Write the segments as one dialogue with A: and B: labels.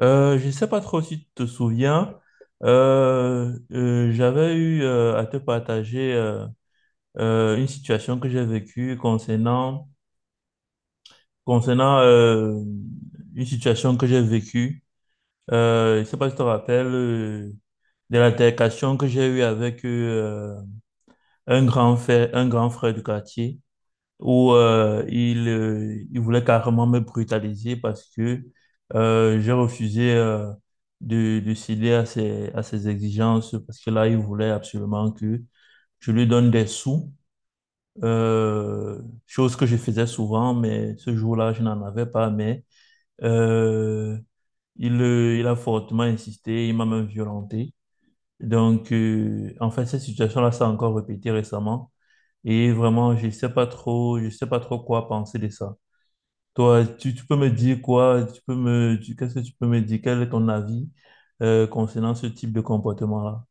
A: Je ne sais pas trop si tu te souviens, j'avais eu à te partager une situation que j'ai vécue concernant une situation que j'ai vécue. Je ne sais pas si tu te rappelles de l'altercation que j'ai eue avec un grand frère du quartier, où il voulait carrément me brutaliser parce que j'ai refusé de céder à ses exigences parce que là, il voulait absolument que je lui donne des sous, chose que je faisais souvent, mais ce jour-là, je n'en avais pas, mais euh, il a fortement insisté, il m'a même violenté. Donc, en fait, cette situation-là s'est encore répétée récemment. Et vraiment, je sais pas trop, je sais pas trop quoi penser de ça. Toi, tu peux me dire quoi? Tu peux qu'est-ce que tu peux me dire? Quel est ton avis concernant ce type de comportement-là?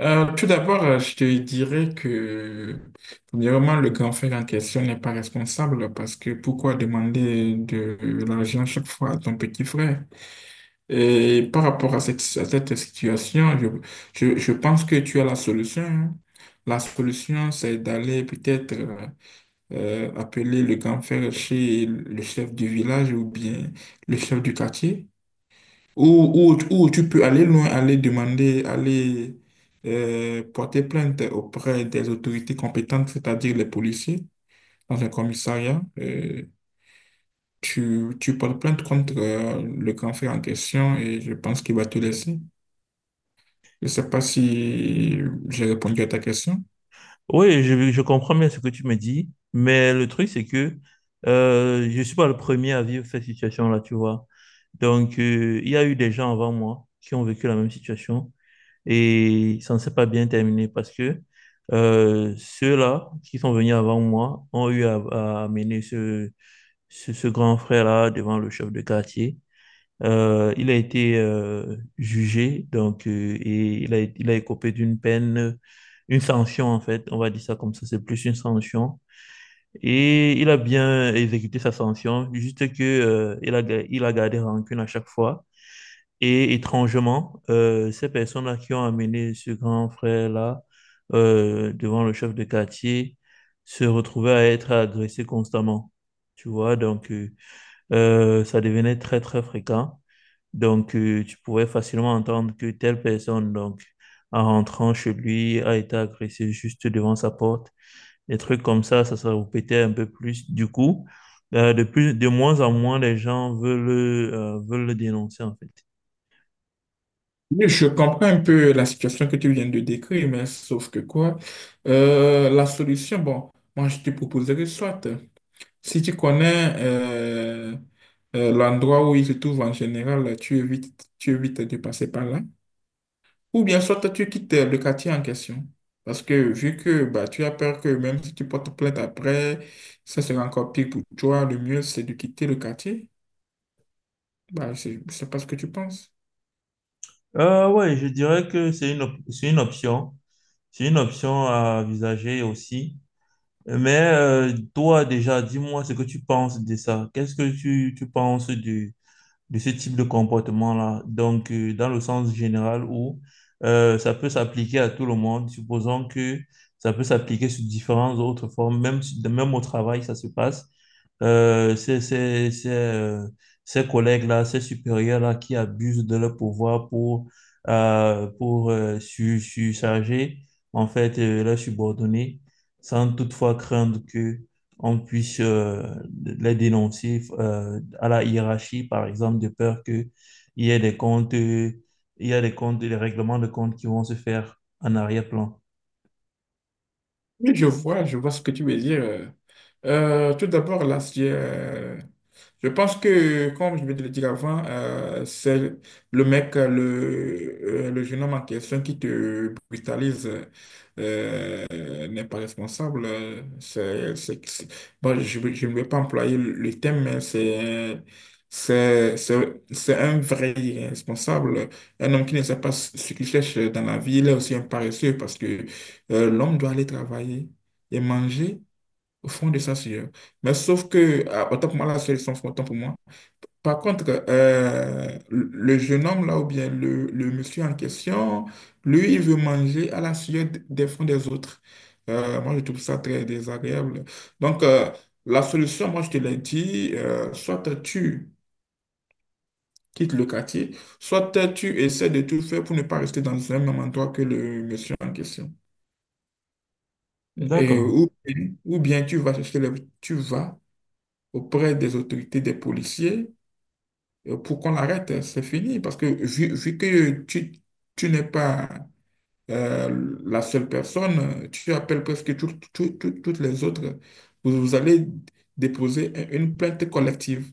B: Tout d'abord, je te dirais que, premièrement, le grand frère en question n'est pas responsable, parce que pourquoi demander de l'argent chaque fois à ton petit frère? Et par rapport à cette situation, je pense que tu as la solution. Hein. La solution, c'est d'aller peut-être, appeler le grand frère chez le chef du village ou bien le chef du quartier, ou tu peux aller loin, aller demander, aller porter plainte auprès des autorités compétentes, c'est-à-dire les policiers, dans un commissariat. Tu portes plainte contre, le grand frère en question, et je pense qu'il va te laisser. Je ne sais pas si j'ai répondu à ta question.
A: Oui, je comprends bien ce que tu me dis, mais le truc, c'est que je suis pas le premier à vivre cette situation-là, tu vois. Donc, il y a eu des gens avant moi qui ont vécu la même situation. Et ça ne s'est pas bien terminé parce que ceux-là qui sont venus avant moi ont eu à amener ce grand frère-là devant le chef de quartier. Il a été jugé donc, et il a écopé d'une peine, une sanction en fait, on va dire ça comme ça, c'est plus une sanction. Et il a bien exécuté sa sanction, juste que il a gardé rancune à chaque fois. Et étrangement, ces personnes-là qui ont amené ce grand frère-là devant le chef de quartier se retrouvaient à être agressées constamment. Tu vois, donc ça devenait très, très fréquent. Donc, tu pouvais facilement entendre que telle personne, donc, en rentrant chez lui, a été agressée juste devant sa porte. Des trucs comme ça se répétait un peu plus. Du coup, de plus, de moins en moins, les gens veulent le dénoncer, en fait.
B: Oui, je comprends un peu la situation que tu viens de décrire, mais sauf que quoi, la solution, bon, moi je te proposerais soit. Si tu connais, l'endroit où il se trouve en général, tu évites de passer par là. Ou bien soit tu quittes le quartier en question. Parce que vu que bah, tu as peur que même si tu portes plainte après, ça sera encore pire pour toi, le mieux c'est de quitter le quartier. Bah, je ne sais pas ce que tu penses.
A: Ouais, je dirais que c'est c'est une option. C'est une option à envisager aussi. Mais toi, déjà, dis-moi ce que tu penses de ça. Qu'est-ce que tu penses du, de ce type de comportement-là. Donc, dans le sens général où ça peut s'appliquer à tout le monde, supposons que ça peut s'appliquer sur différentes autres formes, même, si, même au travail, ça se passe. C'est ces collègues-là, ces supérieurs-là qui abusent de leur pouvoir pour, euh, pour euh, surcharger en fait leurs subordonnés sans toutefois craindre que on puisse les dénoncer à la hiérarchie, par exemple, de peur qu'il y ait des comptes, il y a des comptes, des règlements de comptes qui vont se faire en arrière-plan.
B: Oui, je vois ce que tu veux dire. Tout d'abord, là, je pense que, comme je vais te le dire avant, c'est le jeune homme en question qui te brutalise n'est pas responsable. Bon, je ne vais pas employer le terme, mais c'est un vrai irresponsable. Un homme qui ne sait pas ce qu'il cherche dans la vie, il est aussi un paresseux, parce que l'homme doit aller travailler et manger. Au fond de sa sueur. Mais sauf que, autant pour moi, la sueur est sans fond, autant pour moi. Par contre, le jeune homme là, ou bien le monsieur en question, lui, il veut manger à la sueur des fonds des autres. Moi, je trouve ça très désagréable. Donc, la solution, moi, je te l'ai dit, soit tu quittes le quartier, soit tu essaies de tout faire pour ne pas rester dans un même endroit que le monsieur en question.
A: D'accord.
B: Ou bien tu vas chercher le, tu vas auprès des autorités, des policiers, pour qu'on l'arrête. Hein, c'est fini. Parce que vu que tu n'es pas, la seule personne, tu appelles presque toutes les autres. Vous, vous allez déposer une plainte collective.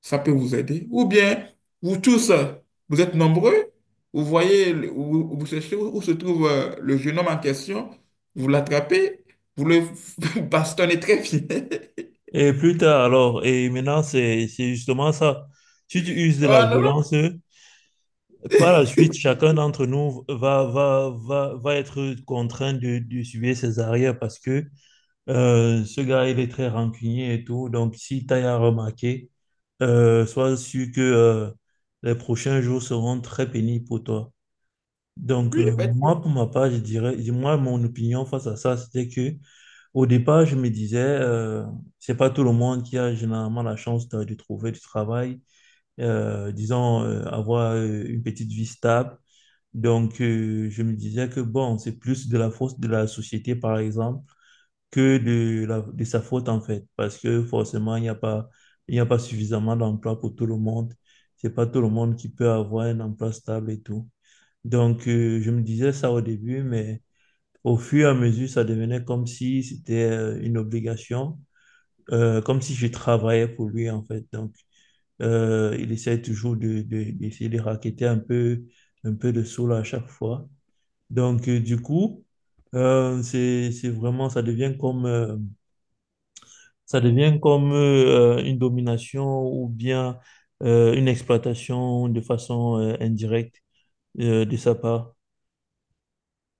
B: Ça peut vous aider. Ou bien, vous tous, vous êtes nombreux, vous voyez, vous cherchez où se trouve le jeune homme en question, vous l'attrapez, vous le bastonnez très bien.
A: Et plus tard, alors, et maintenant, c'est justement ça. Si tu uses de la
B: Oh non, non,
A: violence, par la suite, chacun d'entre nous va être contraint de suivre ses arrières parce que ce gars, il est très rancunier et tout. Donc, si t'as à remarquer, sois sûr que les prochains jours seront très pénibles pour toi. Donc,
B: oui, effectivement.
A: moi, pour ma part, je dirais, moi, mon opinion face à ça, c'était que au départ, je me disais, c'est pas tout le monde qui a généralement la chance de trouver du travail, avoir une petite vie stable. Donc, je me disais que bon, c'est plus de la force de la société, par exemple que de sa faute en fait, parce que forcément, il n'y a pas suffisamment d'emplois pour tout le monde. C'est pas tout le monde qui peut avoir un emploi stable et tout. Donc, je me disais ça au début, mais au fur et à mesure, ça devenait comme si c'était une obligation, comme si je travaillais pour lui en fait. Donc, il essaie toujours d'essayer de racketter un peu de sous là à chaque fois. Donc, du coup, c'est vraiment, ça devient comme ça devient comme une domination ou bien une exploitation de façon indirecte de sa part.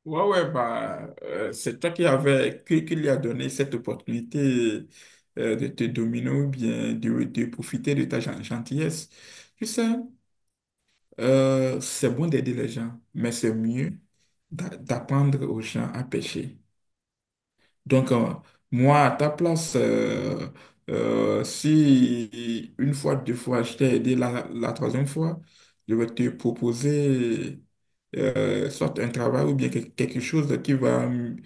B: Ouais, ouais, bah, c'est toi qui avais, qui lui a donné cette opportunité, de te dominer ou bien de profiter de ta gentillesse. Tu sais, c'est bon d'aider les gens, mais c'est mieux d'apprendre aux gens à pêcher. Donc, moi, à ta place, si une fois, deux fois, je t'ai aidé, la troisième fois, je vais te proposer, soit un travail ou bien quelque chose qui va,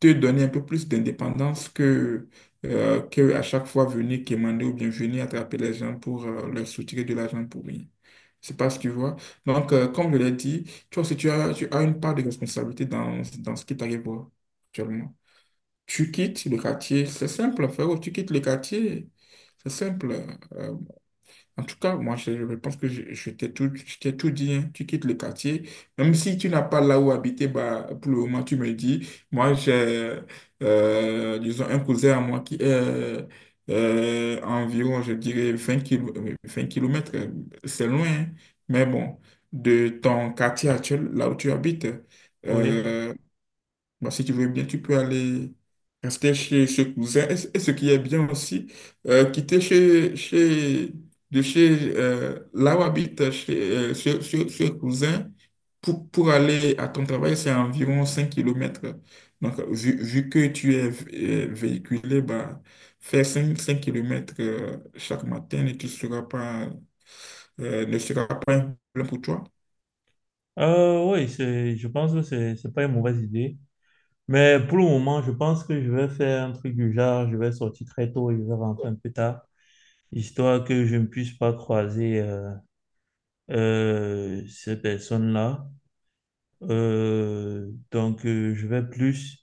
B: te donner un peu plus d'indépendance que à chaque fois venir quémander, ou bien venir attraper les gens pour leur soutirer de l'argent pour rien. C'est pas ce que tu vois. Donc, comme je l'ai dit, toi aussi, tu as une part de responsabilité dans ce qui t'arrive actuellement. Tu quittes le quartier, c'est simple, frérot, tu quittes le quartier, c'est simple. Euh, En tout cas, moi, je pense que je t'ai tout dit, hein. Tu quittes le quartier. Même si tu n'as pas là où habiter, bah, pour le moment, tu me dis, moi, j'ai, disons, un cousin à moi qui est, environ, je dirais, 20 km, c'est loin, hein. Mais bon, de ton quartier actuel, là où tu habites.
A: Oui.
B: euh, Bon, si tu veux bien, tu peux aller rester chez ce cousin. Et ce qui est bien aussi, quitter de chez, là où habite, ce cousin pour aller à ton travail, c'est environ 5 km. Donc, vu que tu es, véhiculé, bah, faire cinq kilomètres chaque matin, et tu seras pas, ne sera pas un problème pour toi.
A: Je pense que c'est pas une mauvaise idée. Mais pour le moment, je pense que je vais faire un truc du genre, je vais sortir très tôt et je vais rentrer un peu tard, histoire que je ne puisse pas croiser ces personnes-là. Donc, je vais plus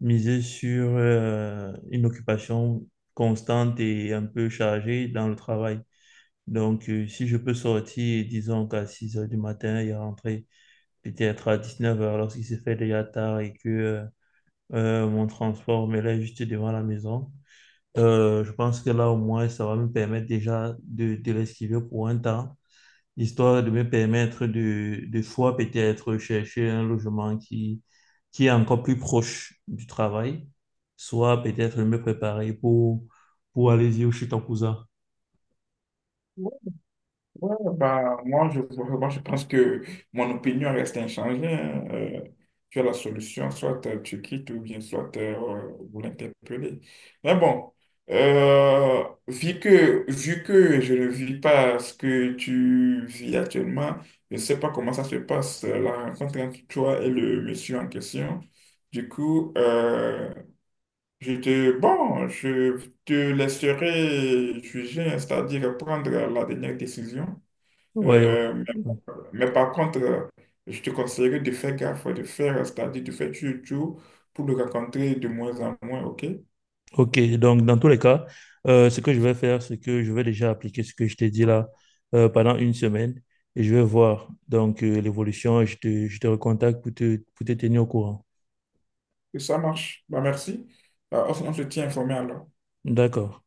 A: miser sur une occupation constante et un peu chargée dans le travail. Donc, si je peux sortir, disons qu'à 6 heures du matin et rentrer peut-être à 19 heures lorsqu'il se fait déjà tard et que mon transport me là juste devant la maison, je pense que là, au moins, ça va me permettre déjà de l'esquiver pour un temps, histoire de me permettre de fois peut-être chercher un logement qui est encore plus proche du travail, soit peut-être me préparer pour aller vivre chez ton cousin.
B: Ouais, ouais, bah, moi, je pense que mon opinion reste inchangée. Hein. Tu as la solution, soit, tu quittes, ou bien soit, vous l'interpellez. Mais bon, euh, vu que je ne vis pas ce que tu vis actuellement, je ne sais pas comment ça se passe, la rencontre entre toi et le monsieur en question. Du coup, bon, je te laisserai juger, c'est-à-dire prendre la dernière décision.
A: Ouais, ouais.
B: Euh, mais, mais par contre, je te conseillerais de faire gaffe, c'est-à-dire de faire toujours tout pour le rencontrer de moins en moins, ok? Et
A: Ok, donc dans tous les cas, ce que je vais faire, c'est que je vais déjà appliquer ce que je t'ai dit là pendant une semaine et je vais voir donc l'évolution et je te recontacte pour pour te tenir au courant.
B: ça marche. Bah, merci. Bah, on se tient informé alors.
A: D'accord.